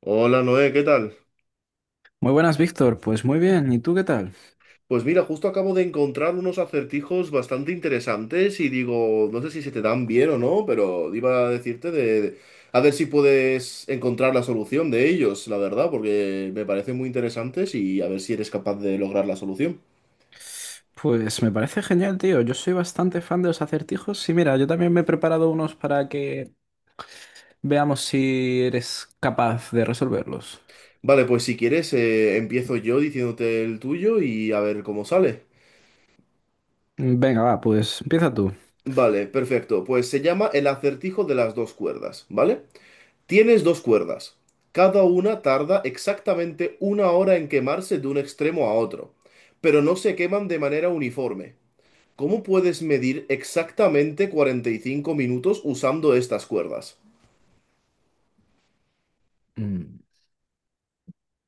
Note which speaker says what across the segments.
Speaker 1: Hola Noé, ¿qué tal?
Speaker 2: Muy buenas, Víctor. Pues muy bien. ¿Y tú qué tal?
Speaker 1: Pues mira, justo acabo de encontrar unos acertijos bastante interesantes y digo, no sé si se te dan bien o no, pero iba a decirte a ver si puedes encontrar la solución de ellos, la verdad, porque me parecen muy interesantes y a ver si eres capaz de lograr la solución.
Speaker 2: Pues me parece genial, tío. Yo soy bastante fan de los acertijos y mira, yo también me he preparado unos para que veamos si eres capaz de resolverlos.
Speaker 1: Vale, pues si quieres, empiezo yo diciéndote el tuyo y a ver cómo sale.
Speaker 2: Venga, va, pues empieza tú.
Speaker 1: Vale, perfecto. Pues se llama el acertijo de las dos cuerdas, ¿vale? Tienes dos cuerdas. Cada una tarda exactamente una hora en quemarse de un extremo a otro, pero no se queman de manera uniforme. ¿Cómo puedes medir exactamente 45 minutos usando estas cuerdas?
Speaker 2: Mm,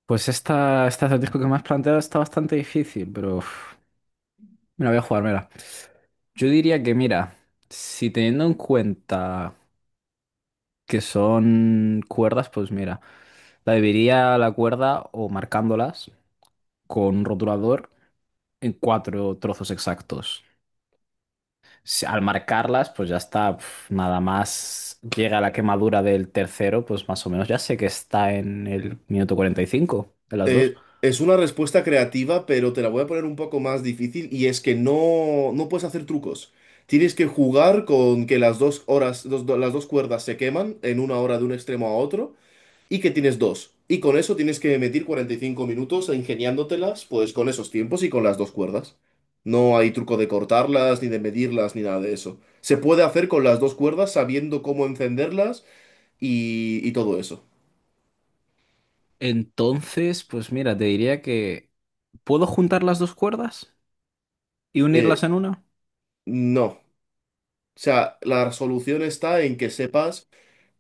Speaker 2: Pues este acertijo que me has planteado está bastante difícil, pero uf, me la voy a jugar, mira. Yo diría que, mira, si teniendo en cuenta que son cuerdas, pues mira, la dividiría la cuerda o marcándolas con un rotulador en cuatro trozos exactos. Al marcarlas, pues ya está, nada más llega la quemadura del tercero, pues más o menos ya sé que está en el minuto 45 de las dos.
Speaker 1: Es una respuesta creativa, pero te la voy a poner un poco más difícil y es que no, no puedes hacer trucos. Tienes que jugar con que las dos horas, las dos cuerdas se queman en una hora de un extremo a otro y que tienes dos. Y con eso tienes que meter 45 minutos ingeniándotelas, pues con esos tiempos y con las dos cuerdas. No hay truco de cortarlas, ni de medirlas, ni nada de eso. Se puede hacer con las dos cuerdas sabiendo cómo encenderlas y todo eso.
Speaker 2: Entonces, pues mira, te diría que puedo juntar las dos cuerdas y
Speaker 1: Eh,
Speaker 2: unirlas en una.
Speaker 1: no. O sea, la solución está en que sepas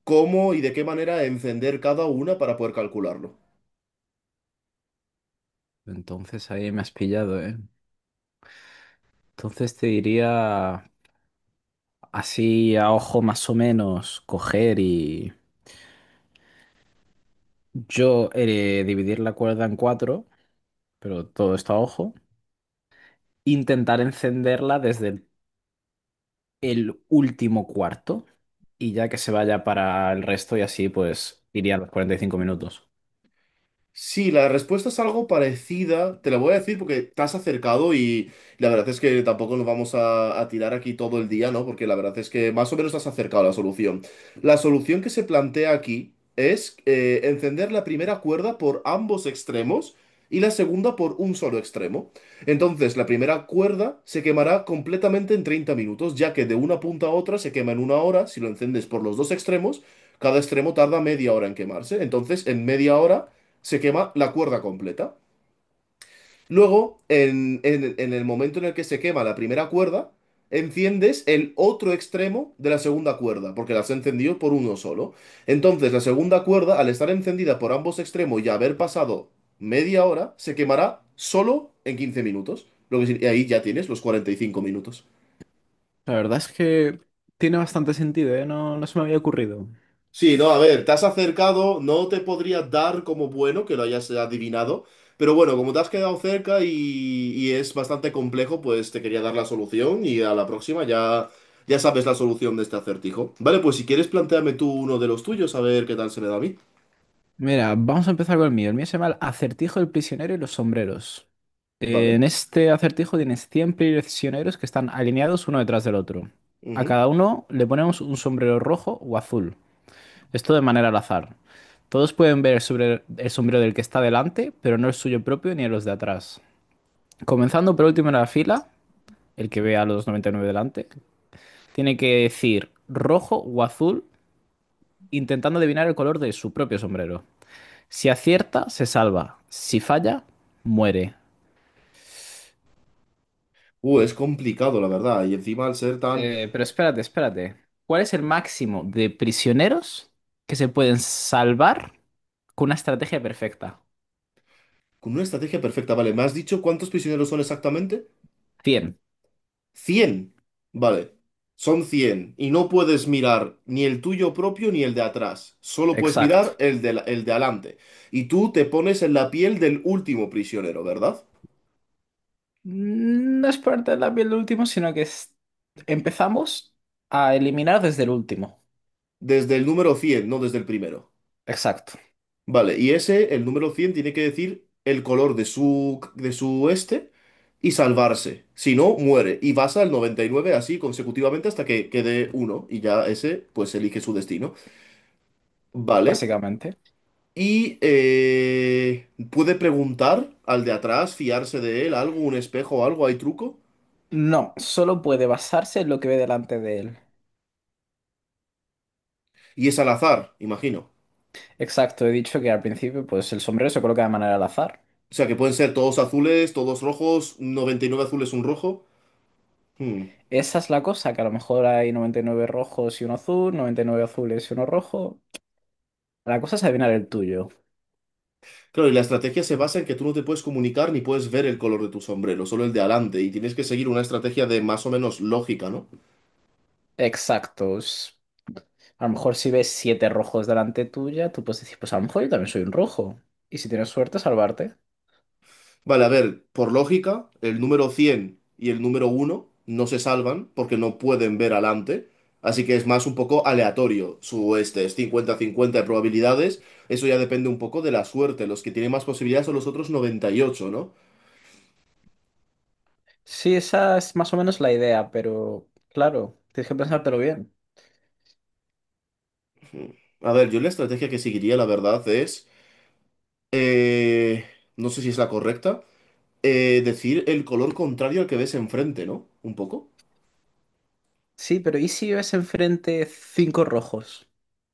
Speaker 1: cómo y de qué manera encender cada una para poder calcularlo.
Speaker 2: Entonces ahí me has pillado, ¿eh? Entonces te diría así a ojo más o menos coger y yo dividir la cuerda en cuatro, pero todo está a ojo. Intentar encenderla desde el último cuarto y ya que se vaya para el resto y así pues iría a los 45 minutos.
Speaker 1: Sí, la respuesta es algo parecida. Te la voy a decir porque te has acercado y la verdad es que tampoco nos vamos a tirar aquí todo el día, ¿no? Porque la verdad es que más o menos te has acercado a la solución. La solución que se plantea aquí es encender la primera cuerda por ambos extremos y la segunda por un solo extremo. Entonces, la primera cuerda se quemará completamente en 30 minutos, ya que de una punta a otra se quema en una hora. Si lo encendes por los dos extremos, cada extremo tarda media hora en quemarse. Entonces, en media hora se quema la cuerda completa. Luego, en el momento en el que se quema la primera cuerda, enciendes el otro extremo de la segunda cuerda, porque las has encendido por uno solo. Entonces, la segunda cuerda, al estar encendida por ambos extremos y haber pasado media hora, se quemará solo en 15 minutos. Y ahí ya tienes los 45 minutos.
Speaker 2: La verdad es que tiene bastante sentido, ¿eh? No, no se me había ocurrido.
Speaker 1: Sí, no, a ver, te has acercado, no te podría dar como bueno que lo hayas adivinado, pero bueno, como te has quedado cerca y es bastante complejo, pues te quería dar la solución y a la próxima ya sabes la solución de este acertijo. Vale, pues si quieres, plantéame tú uno de los tuyos, a ver qué tal se me da a mí.
Speaker 2: Mira, vamos a empezar con el mío. El mío se llama el acertijo del prisionero y los sombreros.
Speaker 1: Vale.
Speaker 2: En este acertijo tienes 100 prisioneros que están alineados uno detrás del otro. A
Speaker 1: Ujú.
Speaker 2: cada uno le ponemos un sombrero rojo o azul. Esto de manera al azar. Todos pueden ver el sombrero del que está delante, pero no el suyo propio ni los de atrás. Comenzando por último en la fila, el que ve a los 99 delante, tiene que decir rojo o azul, intentando adivinar el color de su propio sombrero. Si acierta, se salva. Si falla, muere.
Speaker 1: Es complicado, la verdad, y encima al ser tan...
Speaker 2: Pero espérate, espérate. ¿Cuál es el máximo de prisioneros que se pueden salvar con una estrategia perfecta?
Speaker 1: Con una estrategia perfecta, vale, ¿me has dicho cuántos prisioneros son exactamente?
Speaker 2: 100.
Speaker 1: Cien. Vale, son 100 y no puedes mirar ni el tuyo propio ni el de atrás, solo puedes mirar
Speaker 2: Exacto.
Speaker 1: el de, el de adelante. Y tú te pones en la piel del último prisionero, ¿verdad?
Speaker 2: No es por la piel del último, sino que empezamos a eliminar desde el último.
Speaker 1: Desde el número cien, no desde el primero.
Speaker 2: Exacto,
Speaker 1: Vale, y ese, el número 100 tiene que decir el color de su, este y salvarse. Si no, muere. Y vas al 99 así consecutivamente hasta que quede uno y ya ese pues elige su destino. Vale.
Speaker 2: básicamente.
Speaker 1: Y puede preguntar al de atrás, fiarse de él, algo, un espejo o algo, hay truco.
Speaker 2: No, solo puede basarse en lo que ve delante de él.
Speaker 1: Y es al azar, imagino.
Speaker 2: Exacto, he dicho que al principio pues el sombrero se coloca de manera al azar.
Speaker 1: O sea que pueden ser todos azules, todos rojos, 99 azules, un rojo. Hmm.
Speaker 2: Esa es la cosa, que a lo mejor hay 99 rojos y uno azul, 99 azules y uno rojo. La cosa es adivinar el tuyo.
Speaker 1: Claro, y la estrategia se basa en que tú no te puedes comunicar ni puedes ver el color de tu sombrero, solo el de adelante. Y tienes que seguir una estrategia de más o menos lógica, ¿no?
Speaker 2: Exacto. A lo mejor si ves siete rojos delante tuya, tú puedes decir, pues a lo mejor yo también soy un rojo. Y si tienes suerte, salvarte.
Speaker 1: Vale, a ver, por lógica, el número 100 y el número uno no se salvan porque no pueden ver adelante, así que es más un poco aleatorio su este, es cincuenta cincuenta de probabilidades, eso ya depende un poco de la suerte. Los que tienen más posibilidades son los otros noventa y ocho, ¿no?
Speaker 2: Sí, esa es más o menos la idea, pero claro, tienes que pensártelo bien.
Speaker 1: A ver, yo la estrategia que seguiría, la verdad, es, eh, no sé si es la correcta, decir el color contrario al que ves enfrente, ¿no? Un poco,
Speaker 2: Sí, pero ¿y si ves enfrente cinco rojos?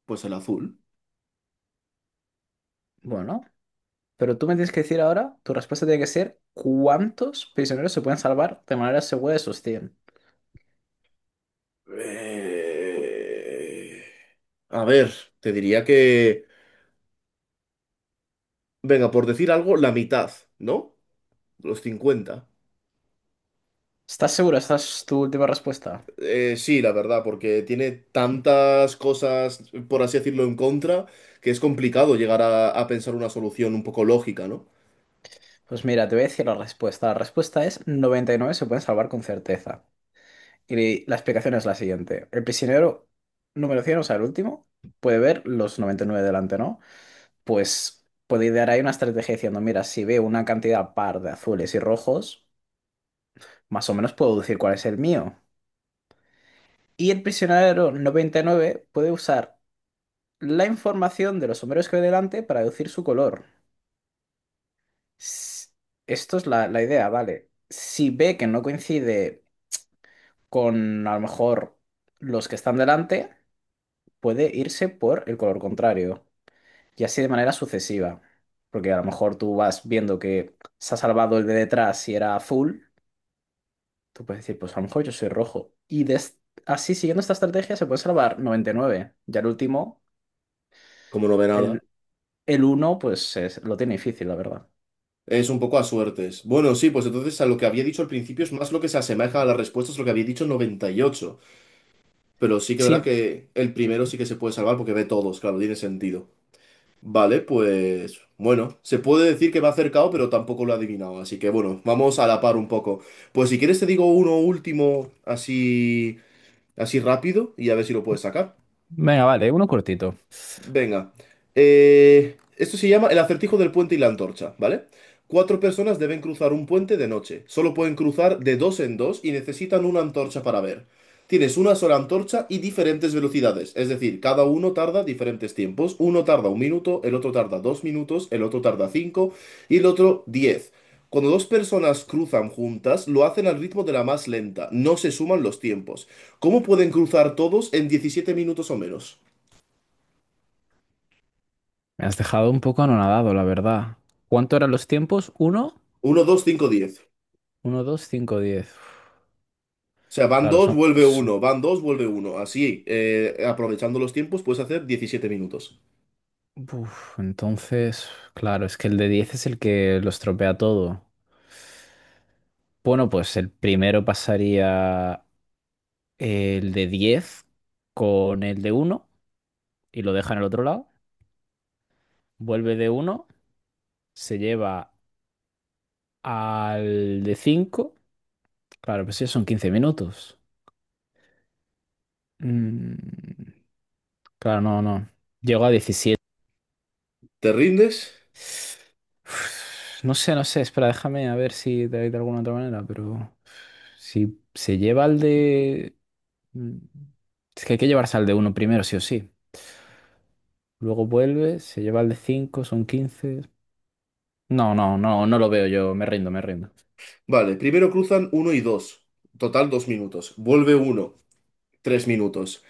Speaker 1: pues el azul.
Speaker 2: Bueno, pero tú me tienes que decir ahora, tu respuesta tiene que ser, ¿cuántos prisioneros se pueden salvar de manera segura de esos 100?
Speaker 1: Eh, A ver, te diría que... Venga, por decir algo, la mitad, ¿no? Los cincuenta.
Speaker 2: ¿Estás seguro? ¿Esta es tu última respuesta?
Speaker 1: Sí, la verdad, porque tiene tantas cosas, por así decirlo, en contra, que es complicado llegar a pensar una solución un poco lógica, ¿no?
Speaker 2: Pues mira, te voy a decir la respuesta. La respuesta es 99 se pueden salvar con certeza. Y la explicación es la siguiente. El prisionero número 100, o sea, el último, puede ver los 99 delante, ¿no? Pues puedo idear ahí una estrategia diciendo, mira, si veo una cantidad par de azules y rojos, más o menos puedo deducir cuál es el mío. Y el prisionero 99 puede usar la información de los sombreros que ve delante para deducir su color. S- Esto es la idea, ¿vale? Si ve que no coincide con a lo mejor los que están delante, puede irse por el color contrario. Y así de manera sucesiva. Porque a lo mejor tú vas viendo que se ha salvado el de detrás y era azul. Tú puedes decir, pues a lo mejor yo soy rojo. Así, siguiendo esta estrategia, se puede salvar 99. Ya el último,
Speaker 1: Como no ve nada.
Speaker 2: el, el uno pues lo tiene difícil, la verdad.
Speaker 1: Es un poco a suertes. Bueno, sí, pues entonces a lo que había dicho al principio es más lo que se asemeja a las respuestas, lo que había dicho, noventa y ocho. Pero sí que verá
Speaker 2: Sí,
Speaker 1: que el primero sí que se puede salvar porque ve todos, claro, tiene sentido. Vale, pues bueno, se puede decir que va acercado, pero tampoco lo ha adivinado, así que bueno, vamos a la par un poco. Pues si quieres te digo uno último así así rápido y a ver si lo puedes sacar.
Speaker 2: venga, vale, uno cortito.
Speaker 1: Venga. Esto se llama el acertijo del puente y la antorcha, ¿vale? Cuatro personas deben cruzar un puente de noche. Solo pueden cruzar de dos en dos y necesitan una antorcha para ver. Tienes una sola antorcha y diferentes velocidades. Es decir, cada uno tarda diferentes tiempos. Uno tarda un minuto, el otro tarda dos minutos, el otro tarda cinco y el otro diez. Cuando dos personas cruzan juntas, lo hacen al ritmo de la más lenta. No se suman los tiempos. ¿Cómo pueden cruzar todos en 17 minutos o menos?
Speaker 2: Me has dejado un poco anonadado, la verdad. ¿Cuánto eran los tiempos? ¿Uno?
Speaker 1: Uno, 2, 5, 10.
Speaker 2: Uno, dos, cinco, diez. Uf,
Speaker 1: O sea, van
Speaker 2: claro,
Speaker 1: 2, vuelve uno, van 2, vuelve uno. Así, aprovechando los tiempos, puedes hacer 17 minutos.
Speaker 2: uf, entonces, claro, es que el de diez es el que lo estropea todo. Bueno, pues el primero pasaría el de diez con el de uno y lo deja en el otro lado. Vuelve de uno, se lleva al de cinco. Claro, pues sí, son 15 minutos. Mm, claro, no, no. Llegó a 17.
Speaker 1: ¿Te rindes?
Speaker 2: No sé, no sé, espera, déjame a ver si de alguna otra manera, pero si se lleva al de... mm, Es que hay que llevarse al de uno primero, sí o sí. Luego vuelve, se lleva al de cinco, son 15. No, no, no, no lo veo yo, me rindo, me rindo.
Speaker 1: Vale, primero cruzan uno y 2, total 2 minutos. Vuelve uno, 3 minutos.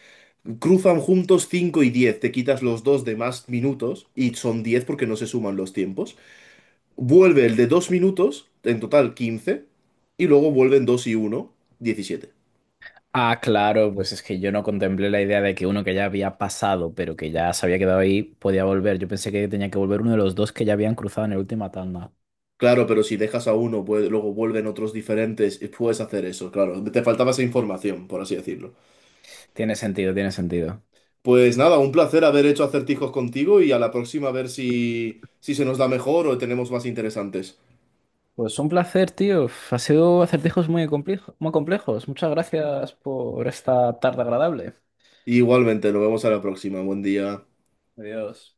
Speaker 1: Cruzan juntos 5 y 10, te quitas los dos de más minutos y son 10 porque no se suman los tiempos. Vuelve el de 2 minutos, en total quince. Y luego vuelven 2 y uno, 17.
Speaker 2: Ah, claro, pues es que yo no contemplé la idea de que uno que ya había pasado, pero que ya se había quedado ahí, podía volver. Yo pensé que tenía que volver uno de los dos que ya habían cruzado en la última tanda.
Speaker 1: Claro, pero si dejas a uno, pues, luego vuelven otros diferentes y puedes hacer eso, claro. Te faltaba esa información, por así decirlo.
Speaker 2: Tiene sentido, tiene sentido.
Speaker 1: Pues nada, un placer haber hecho acertijos contigo y a la próxima a ver si, se nos da mejor o tenemos más interesantes.
Speaker 2: Pues un placer, tío. Ha sido acertijos muy complejos. Muchas gracias por esta tarde agradable.
Speaker 1: Igualmente, nos vemos a la próxima. Buen día.
Speaker 2: Adiós.